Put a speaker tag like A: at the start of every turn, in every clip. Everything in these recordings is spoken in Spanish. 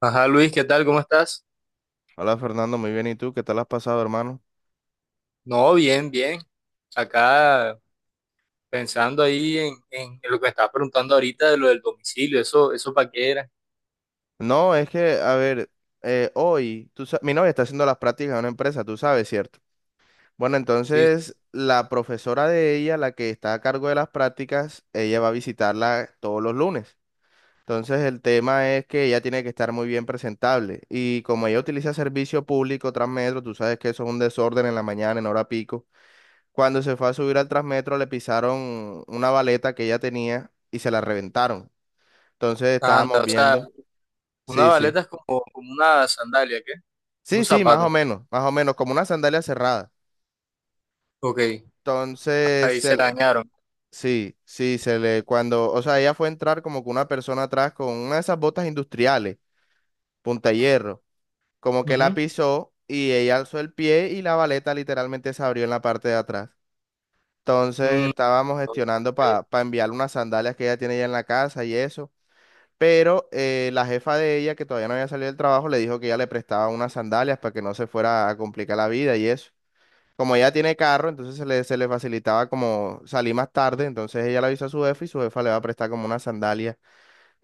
A: Ajá, Luis, ¿qué tal? ¿Cómo estás?
B: Hola Fernando, muy bien. ¿Y tú? ¿Qué tal has pasado, hermano?
A: No, bien, bien. Acá pensando ahí en lo que me estabas preguntando ahorita de lo del domicilio, eso para qué era.
B: No, es que, a ver, hoy mi novia está haciendo las prácticas en una empresa, tú sabes, ¿cierto? Bueno,
A: Sí, sí.
B: entonces la profesora de ella, la que está a cargo de las prácticas, ella va a visitarla todos los lunes. Entonces el tema es que ella tiene que estar muy bien presentable. Y como ella utiliza servicio público, Transmetro, tú sabes que eso es un desorden en la mañana, en hora pico. Cuando se fue a subir al Transmetro le pisaron una baleta que ella tenía y se la reventaron. Entonces
A: Anda,
B: estábamos
A: o sea,
B: viendo.
A: una
B: Sí, sí.
A: baleta es como una sandalia, ¿qué? Un
B: Sí, sí,
A: zapato.
B: más o menos, como una sandalia cerrada.
A: Ok,
B: Entonces,
A: ahí se dañaron.
B: sí, sí, se le, cuando, o sea, ella fue a entrar como que una persona atrás con una de esas botas industriales, punta hierro, como que la
A: Ujú.
B: pisó y ella alzó el pie y la baleta literalmente se abrió en la parte de atrás. Entonces,
A: Mm,
B: estábamos
A: ok.
B: gestionando para enviarle unas sandalias que ella tiene ya en la casa y eso. Pero la jefa de ella, que todavía no había salido del trabajo, le dijo que ella le prestaba unas sandalias para que no se fuera a complicar la vida y eso. Como ella tiene carro, entonces se le facilitaba como salir más tarde, entonces ella le avisó a su jefa y su jefa le va a prestar como unas sandalias.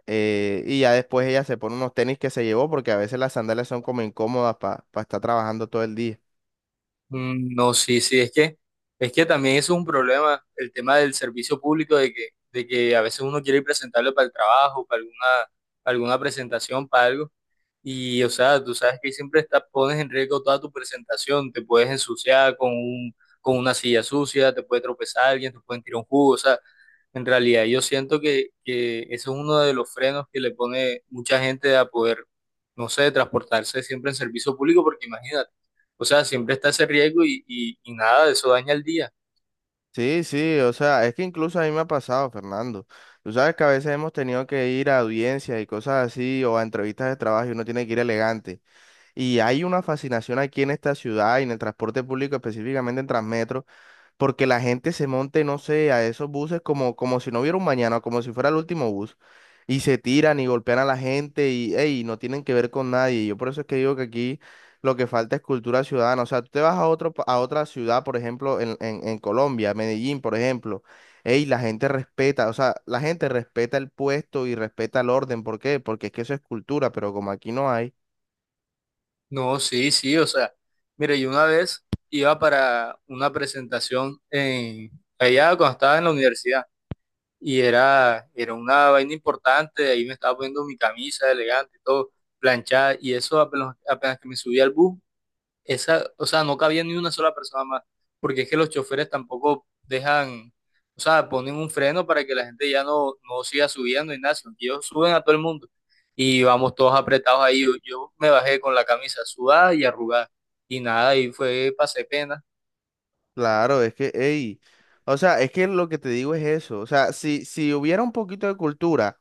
B: Y ya después ella se pone unos tenis que se llevó porque a veces las sandalias son como incómodas para estar trabajando todo el día.
A: Mm, no, sí, sí, es que también eso es un problema, el tema del servicio público, de que a veces uno quiere ir presentable para el trabajo, para alguna, alguna presentación, para algo. Y, o sea, tú sabes que pones en riesgo toda tu presentación, te puedes ensuciar con una silla sucia, te puede tropezar alguien, te pueden tirar un jugo, o sea, en realidad yo siento que ese es uno de los frenos que le pone mucha gente a poder, no sé, transportarse siempre en servicio público, porque imagínate, o sea, siempre está ese riesgo y nada, eso daña el día.
B: Sí, sí, o sea, es que incluso a mí me ha pasado, Fernando. Tú sabes que a veces hemos tenido que ir a audiencias y cosas así o a entrevistas de trabajo y uno tiene que ir elegante. Y hay una fascinación aquí en esta ciudad y en el transporte público, específicamente en Transmetro, porque la gente se monte, no sé, a esos buses como, como si no hubiera un mañana, como si fuera el último bus. Y se tiran y golpean a la gente y ey, no tienen que ver con nadie. Yo por eso es que digo que aquí lo que falta es cultura ciudadana. O sea, tú te vas a otro, a otra ciudad, por ejemplo, en Colombia, Medellín, por ejemplo. Ey, la gente respeta, o sea, la gente respeta el puesto y respeta el orden. ¿Por qué? Porque es que eso es cultura, pero como aquí no hay.
A: No, sí, sí, o sea, mira, yo una vez iba para una presentación en, allá cuando estaba en la universidad. Y era una vaina importante, ahí me estaba poniendo mi camisa elegante, todo planchada, y eso apenas, apenas que me subí al bus, esa, o sea, no cabía ni una sola persona más, porque es que los choferes tampoco dejan, o sea, ponen un freno para que la gente no siga subiendo y nada, sino que ellos suben a todo el mundo y vamos todos apretados ahí, yo me bajé con la camisa sudada y arrugada, y nada, y fue, pasé pena.
B: Claro, es que, ey, o sea, es que lo que te digo es eso, o sea, si hubiera un poquito de cultura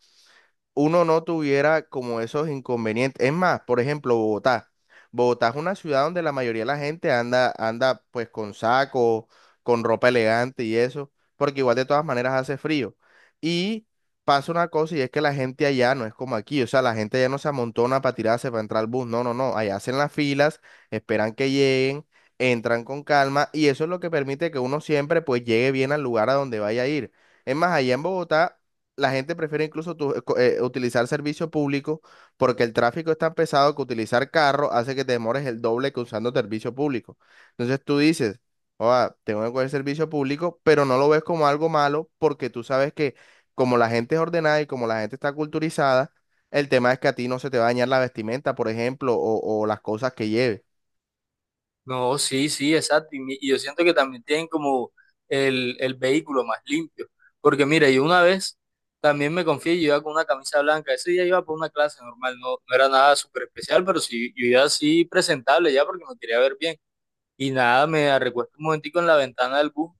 B: uno no tuviera como esos inconvenientes. Es más, por ejemplo, Bogotá. Bogotá es una ciudad donde la mayoría de la gente anda pues con saco, con ropa elegante y eso, porque igual de todas maneras hace frío. Y pasa una cosa y es que la gente allá no es como aquí, o sea, la gente allá no se amontona para tirarse, para entrar al bus, no, no, no, allá hacen las filas, esperan que lleguen, entran con calma y eso es lo que permite que uno siempre pues llegue bien al lugar a donde vaya a ir. Es más, allá en Bogotá la gente prefiere incluso utilizar servicio público porque el tráfico es tan pesado que utilizar carro hace que te demores el doble que usando servicio público. Entonces tú dices, "Joda, tengo que coger servicio público, pero no lo ves como algo malo porque tú sabes que como la gente es ordenada y como la gente está culturizada, el tema es que a ti no se te va a dañar la vestimenta, por ejemplo, o las cosas que lleves".
A: No, sí, sí, exacto. Y yo siento que también tienen como el vehículo más limpio. Porque mira, yo una vez también me confié, yo iba con una camisa blanca. Ese día iba por una clase normal, no era nada súper especial, pero sí, yo iba así presentable ya porque me quería ver bien. Y nada, me recuesto un momentico en la ventana del bus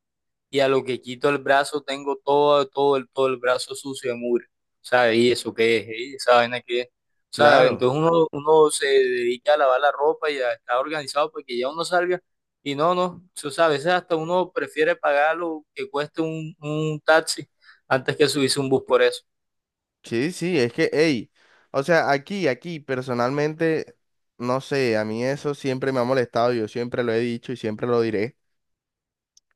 A: y a lo que quito el brazo tengo todo el brazo sucio de mugre. ¿Sabes? ¿Y eso qué es? ¿Y esa vaina qué es? ¿Sabes?
B: Claro.
A: Entonces uno se dedica a lavar la ropa y a estar organizado porque ya uno salga. Y no, no, eso, ¿sabes? A veces hasta uno prefiere pagar lo que cueste un taxi antes que subirse un bus por eso.
B: Sí, sí, es que, hey, o sea, aquí, personalmente, no sé, a mí eso siempre me ha molestado, yo siempre lo he dicho y siempre lo diré.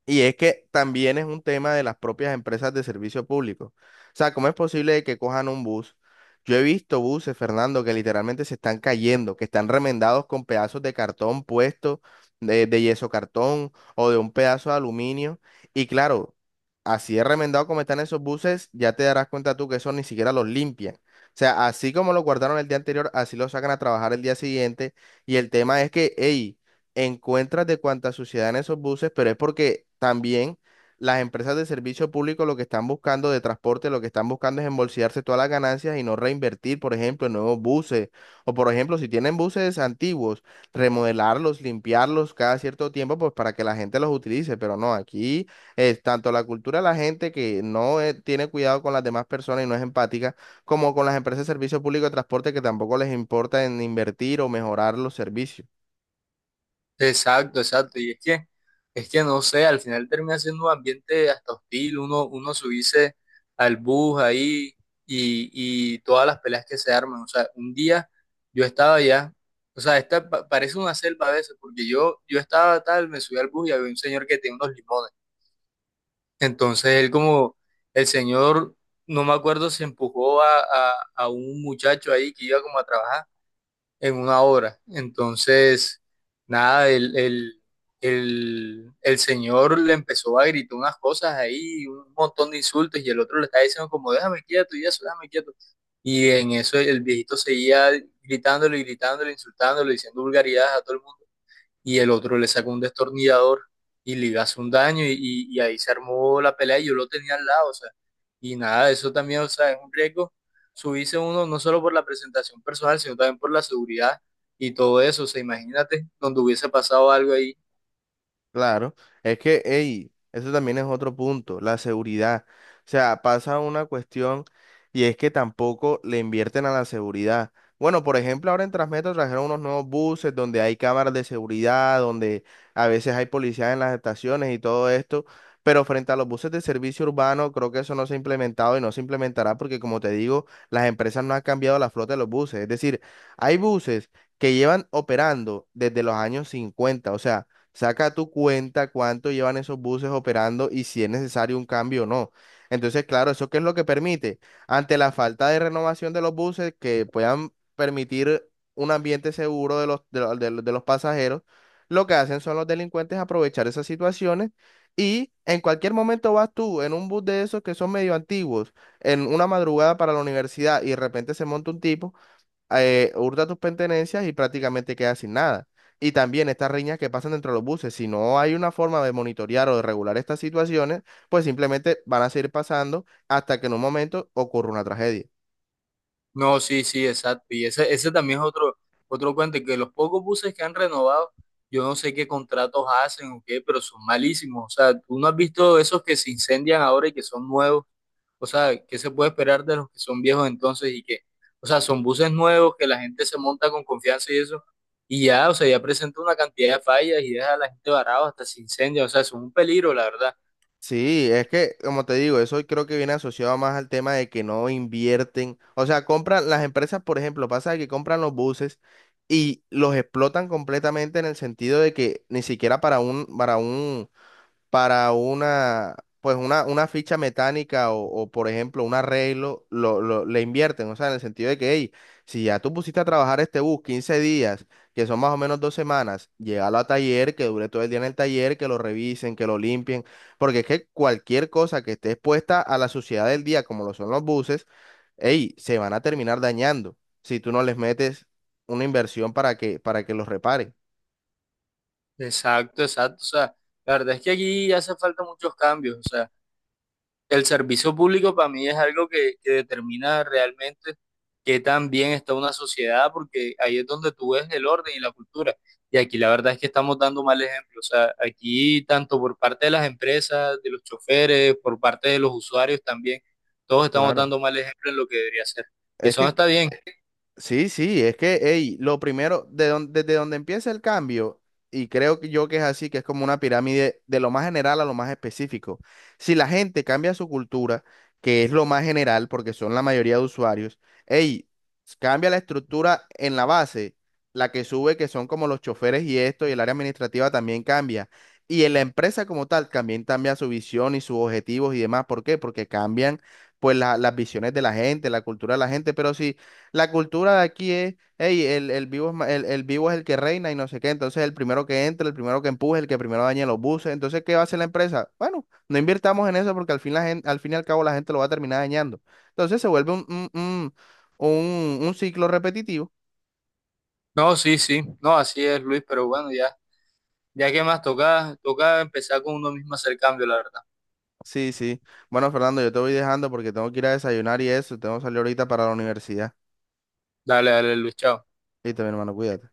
B: Y es que también es un tema de las propias empresas de servicio público. O sea, ¿cómo es posible que cojan un bus? Yo he visto buses, Fernando, que literalmente se están cayendo, que están remendados con pedazos de cartón puesto, de yeso cartón o de un pedazo de aluminio. Y claro, así de remendado como están esos buses, ya te darás cuenta tú que eso ni siquiera los limpian. O sea, así como lo guardaron el día anterior, así lo sacan a trabajar el día siguiente. Y el tema es que, hey, encuentras de cuánta suciedad en esos buses, pero es porque también las empresas de servicio público lo que están buscando de transporte, lo que están buscando es embolsillarse todas las ganancias y no reinvertir, por ejemplo, en nuevos buses. O por ejemplo, si tienen buses antiguos, remodelarlos, limpiarlos cada cierto tiempo, pues para que la gente los utilice. Pero no, aquí es tanto la cultura de la gente que no tiene cuidado con las demás personas y no es empática, como con las empresas de servicio público de transporte que tampoco les importa en invertir o mejorar los servicios.
A: Exacto, exacto. Y es que no sé, al final termina siendo un ambiente hasta hostil, uno subirse al bus ahí y, y todas las peleas que se arman. O sea, un día yo estaba allá, o sea, parece una selva a veces, porque yo estaba tal, me subí al bus y había un señor que tenía unos limones. Entonces él como, el señor, no me acuerdo si empujó a un muchacho ahí que iba como a trabajar en una hora. Entonces, nada, el señor le empezó a gritar unas cosas ahí, un montón de insultos, y el otro le estaba diciendo como, déjame quieto y eso, déjame quieto. Y en eso el viejito seguía gritándole, gritándole, insultándole, diciendo vulgaridades a todo el mundo y el otro le saca un destornillador y le hace un daño y ahí se armó la pelea y yo lo tenía al lado, o sea, y nada, eso también, o sea, es un riesgo subirse uno no solo por la presentación personal, sino también por la seguridad y todo eso, o sea, imagínate donde hubiese pasado algo ahí.
B: Claro, es que, ey, eso también es otro punto, la seguridad. O sea, pasa una cuestión y es que tampoco le invierten a la seguridad. Bueno, por ejemplo, ahora en Transmetro trajeron unos nuevos buses donde hay cámaras de seguridad, donde a veces hay policías en las estaciones y todo esto, pero frente a los buses de servicio urbano, creo que eso no se ha implementado y no se implementará porque, como te digo, las empresas no han cambiado la flota de los buses. Es decir, hay buses que llevan operando desde los años 50, o sea saca tu cuenta cuánto llevan esos buses operando y si es necesario un cambio o no. Entonces, claro, ¿eso qué es lo que permite? Ante la falta de renovación de los buses que puedan permitir un ambiente seguro de los pasajeros, lo que hacen son los delincuentes aprovechar esas situaciones y en cualquier momento vas tú en un bus de esos que son medio antiguos, en una madrugada para la universidad y de repente se monta un tipo hurta tus pertenencias y prácticamente quedas sin nada. Y también estas riñas que pasan dentro de los buses, si no hay una forma de monitorear o de regular estas situaciones, pues simplemente van a seguir pasando hasta que en un momento ocurra una tragedia.
A: No, sí, sí, exacto, ese también es otro, otro cuento, que los pocos buses que han renovado, yo no sé qué contratos hacen o qué, pero son malísimos, o sea, tú no has visto esos que se incendian ahora y que son nuevos. O sea, ¿qué se puede esperar de los que son viejos entonces y que, o sea, son buses nuevos que la gente se monta con confianza y eso, y ya, o sea, ya presenta una cantidad de fallas y deja a la gente varada hasta se incendia, o sea, eso es un peligro, la verdad.
B: Sí, es que, como te digo, eso creo que viene asociado más al tema de que no invierten, o sea, compran las empresas, por ejemplo, pasa que compran los buses y los explotan completamente en el sentido de que ni siquiera para un para una, pues una ficha mecánica o, por ejemplo, un arreglo, le invierten, o sea, en el sentido de que, hey, si ya tú pusiste a trabajar este bus 15 días, que son más o menos 2 semanas, llévalo a taller, que dure todo el día en el taller, que lo revisen, que lo limpien, porque es que cualquier cosa que esté expuesta a la suciedad del día, como lo son los buses, hey, se van a terminar dañando si tú no les metes una inversión para que los reparen.
A: Exacto, exacto, o sea, la verdad es que aquí hace falta muchos cambios, o sea. El servicio público para mí es algo que determina realmente qué tan bien está una sociedad, porque ahí es donde tú ves el orden y la cultura. Y aquí la verdad es que estamos dando mal ejemplo. O sea, aquí tanto por parte de las empresas, de los choferes, por parte de los usuarios también, todos estamos
B: Claro.
A: dando mal ejemplo en lo que debería ser. Y
B: Es
A: eso no
B: que
A: está bien.
B: sí, sí, es que, ey, lo primero, desde donde empieza el cambio, y creo que yo que es así, que es como una pirámide de lo más general a lo más específico. Si la gente cambia su cultura, que es lo más general, porque son la mayoría de usuarios, ey, cambia la estructura en la base, la que sube, que son como los choferes y esto, y el área administrativa también cambia. Y en la empresa como tal también cambia su visión y sus objetivos y demás. ¿Por qué? Porque cambian pues las visiones de la gente, la cultura de la gente, pero sí. La cultura de aquí es, hey, el vivo es, el vivo es el que reina y no sé qué. Entonces, el primero que entra, el primero que empuje, el que primero dañe los buses. Entonces, ¿qué va a hacer la empresa? Bueno, no invirtamos en eso porque al fin, al fin y al cabo la gente lo va a terminar dañando. Entonces, se vuelve un ciclo repetitivo.
A: No, sí, sí, no, así es, Luis, pero bueno, ya, ya que más toca, toca empezar con uno mismo a hacer cambio, la verdad.
B: Sí, sí. Bueno, Fernando, yo te voy dejando porque tengo que ir a desayunar y eso. Tengo que salir ahorita para la universidad.
A: Dale, dale, Luis, chao.
B: Listo, mi hermano, cuídate.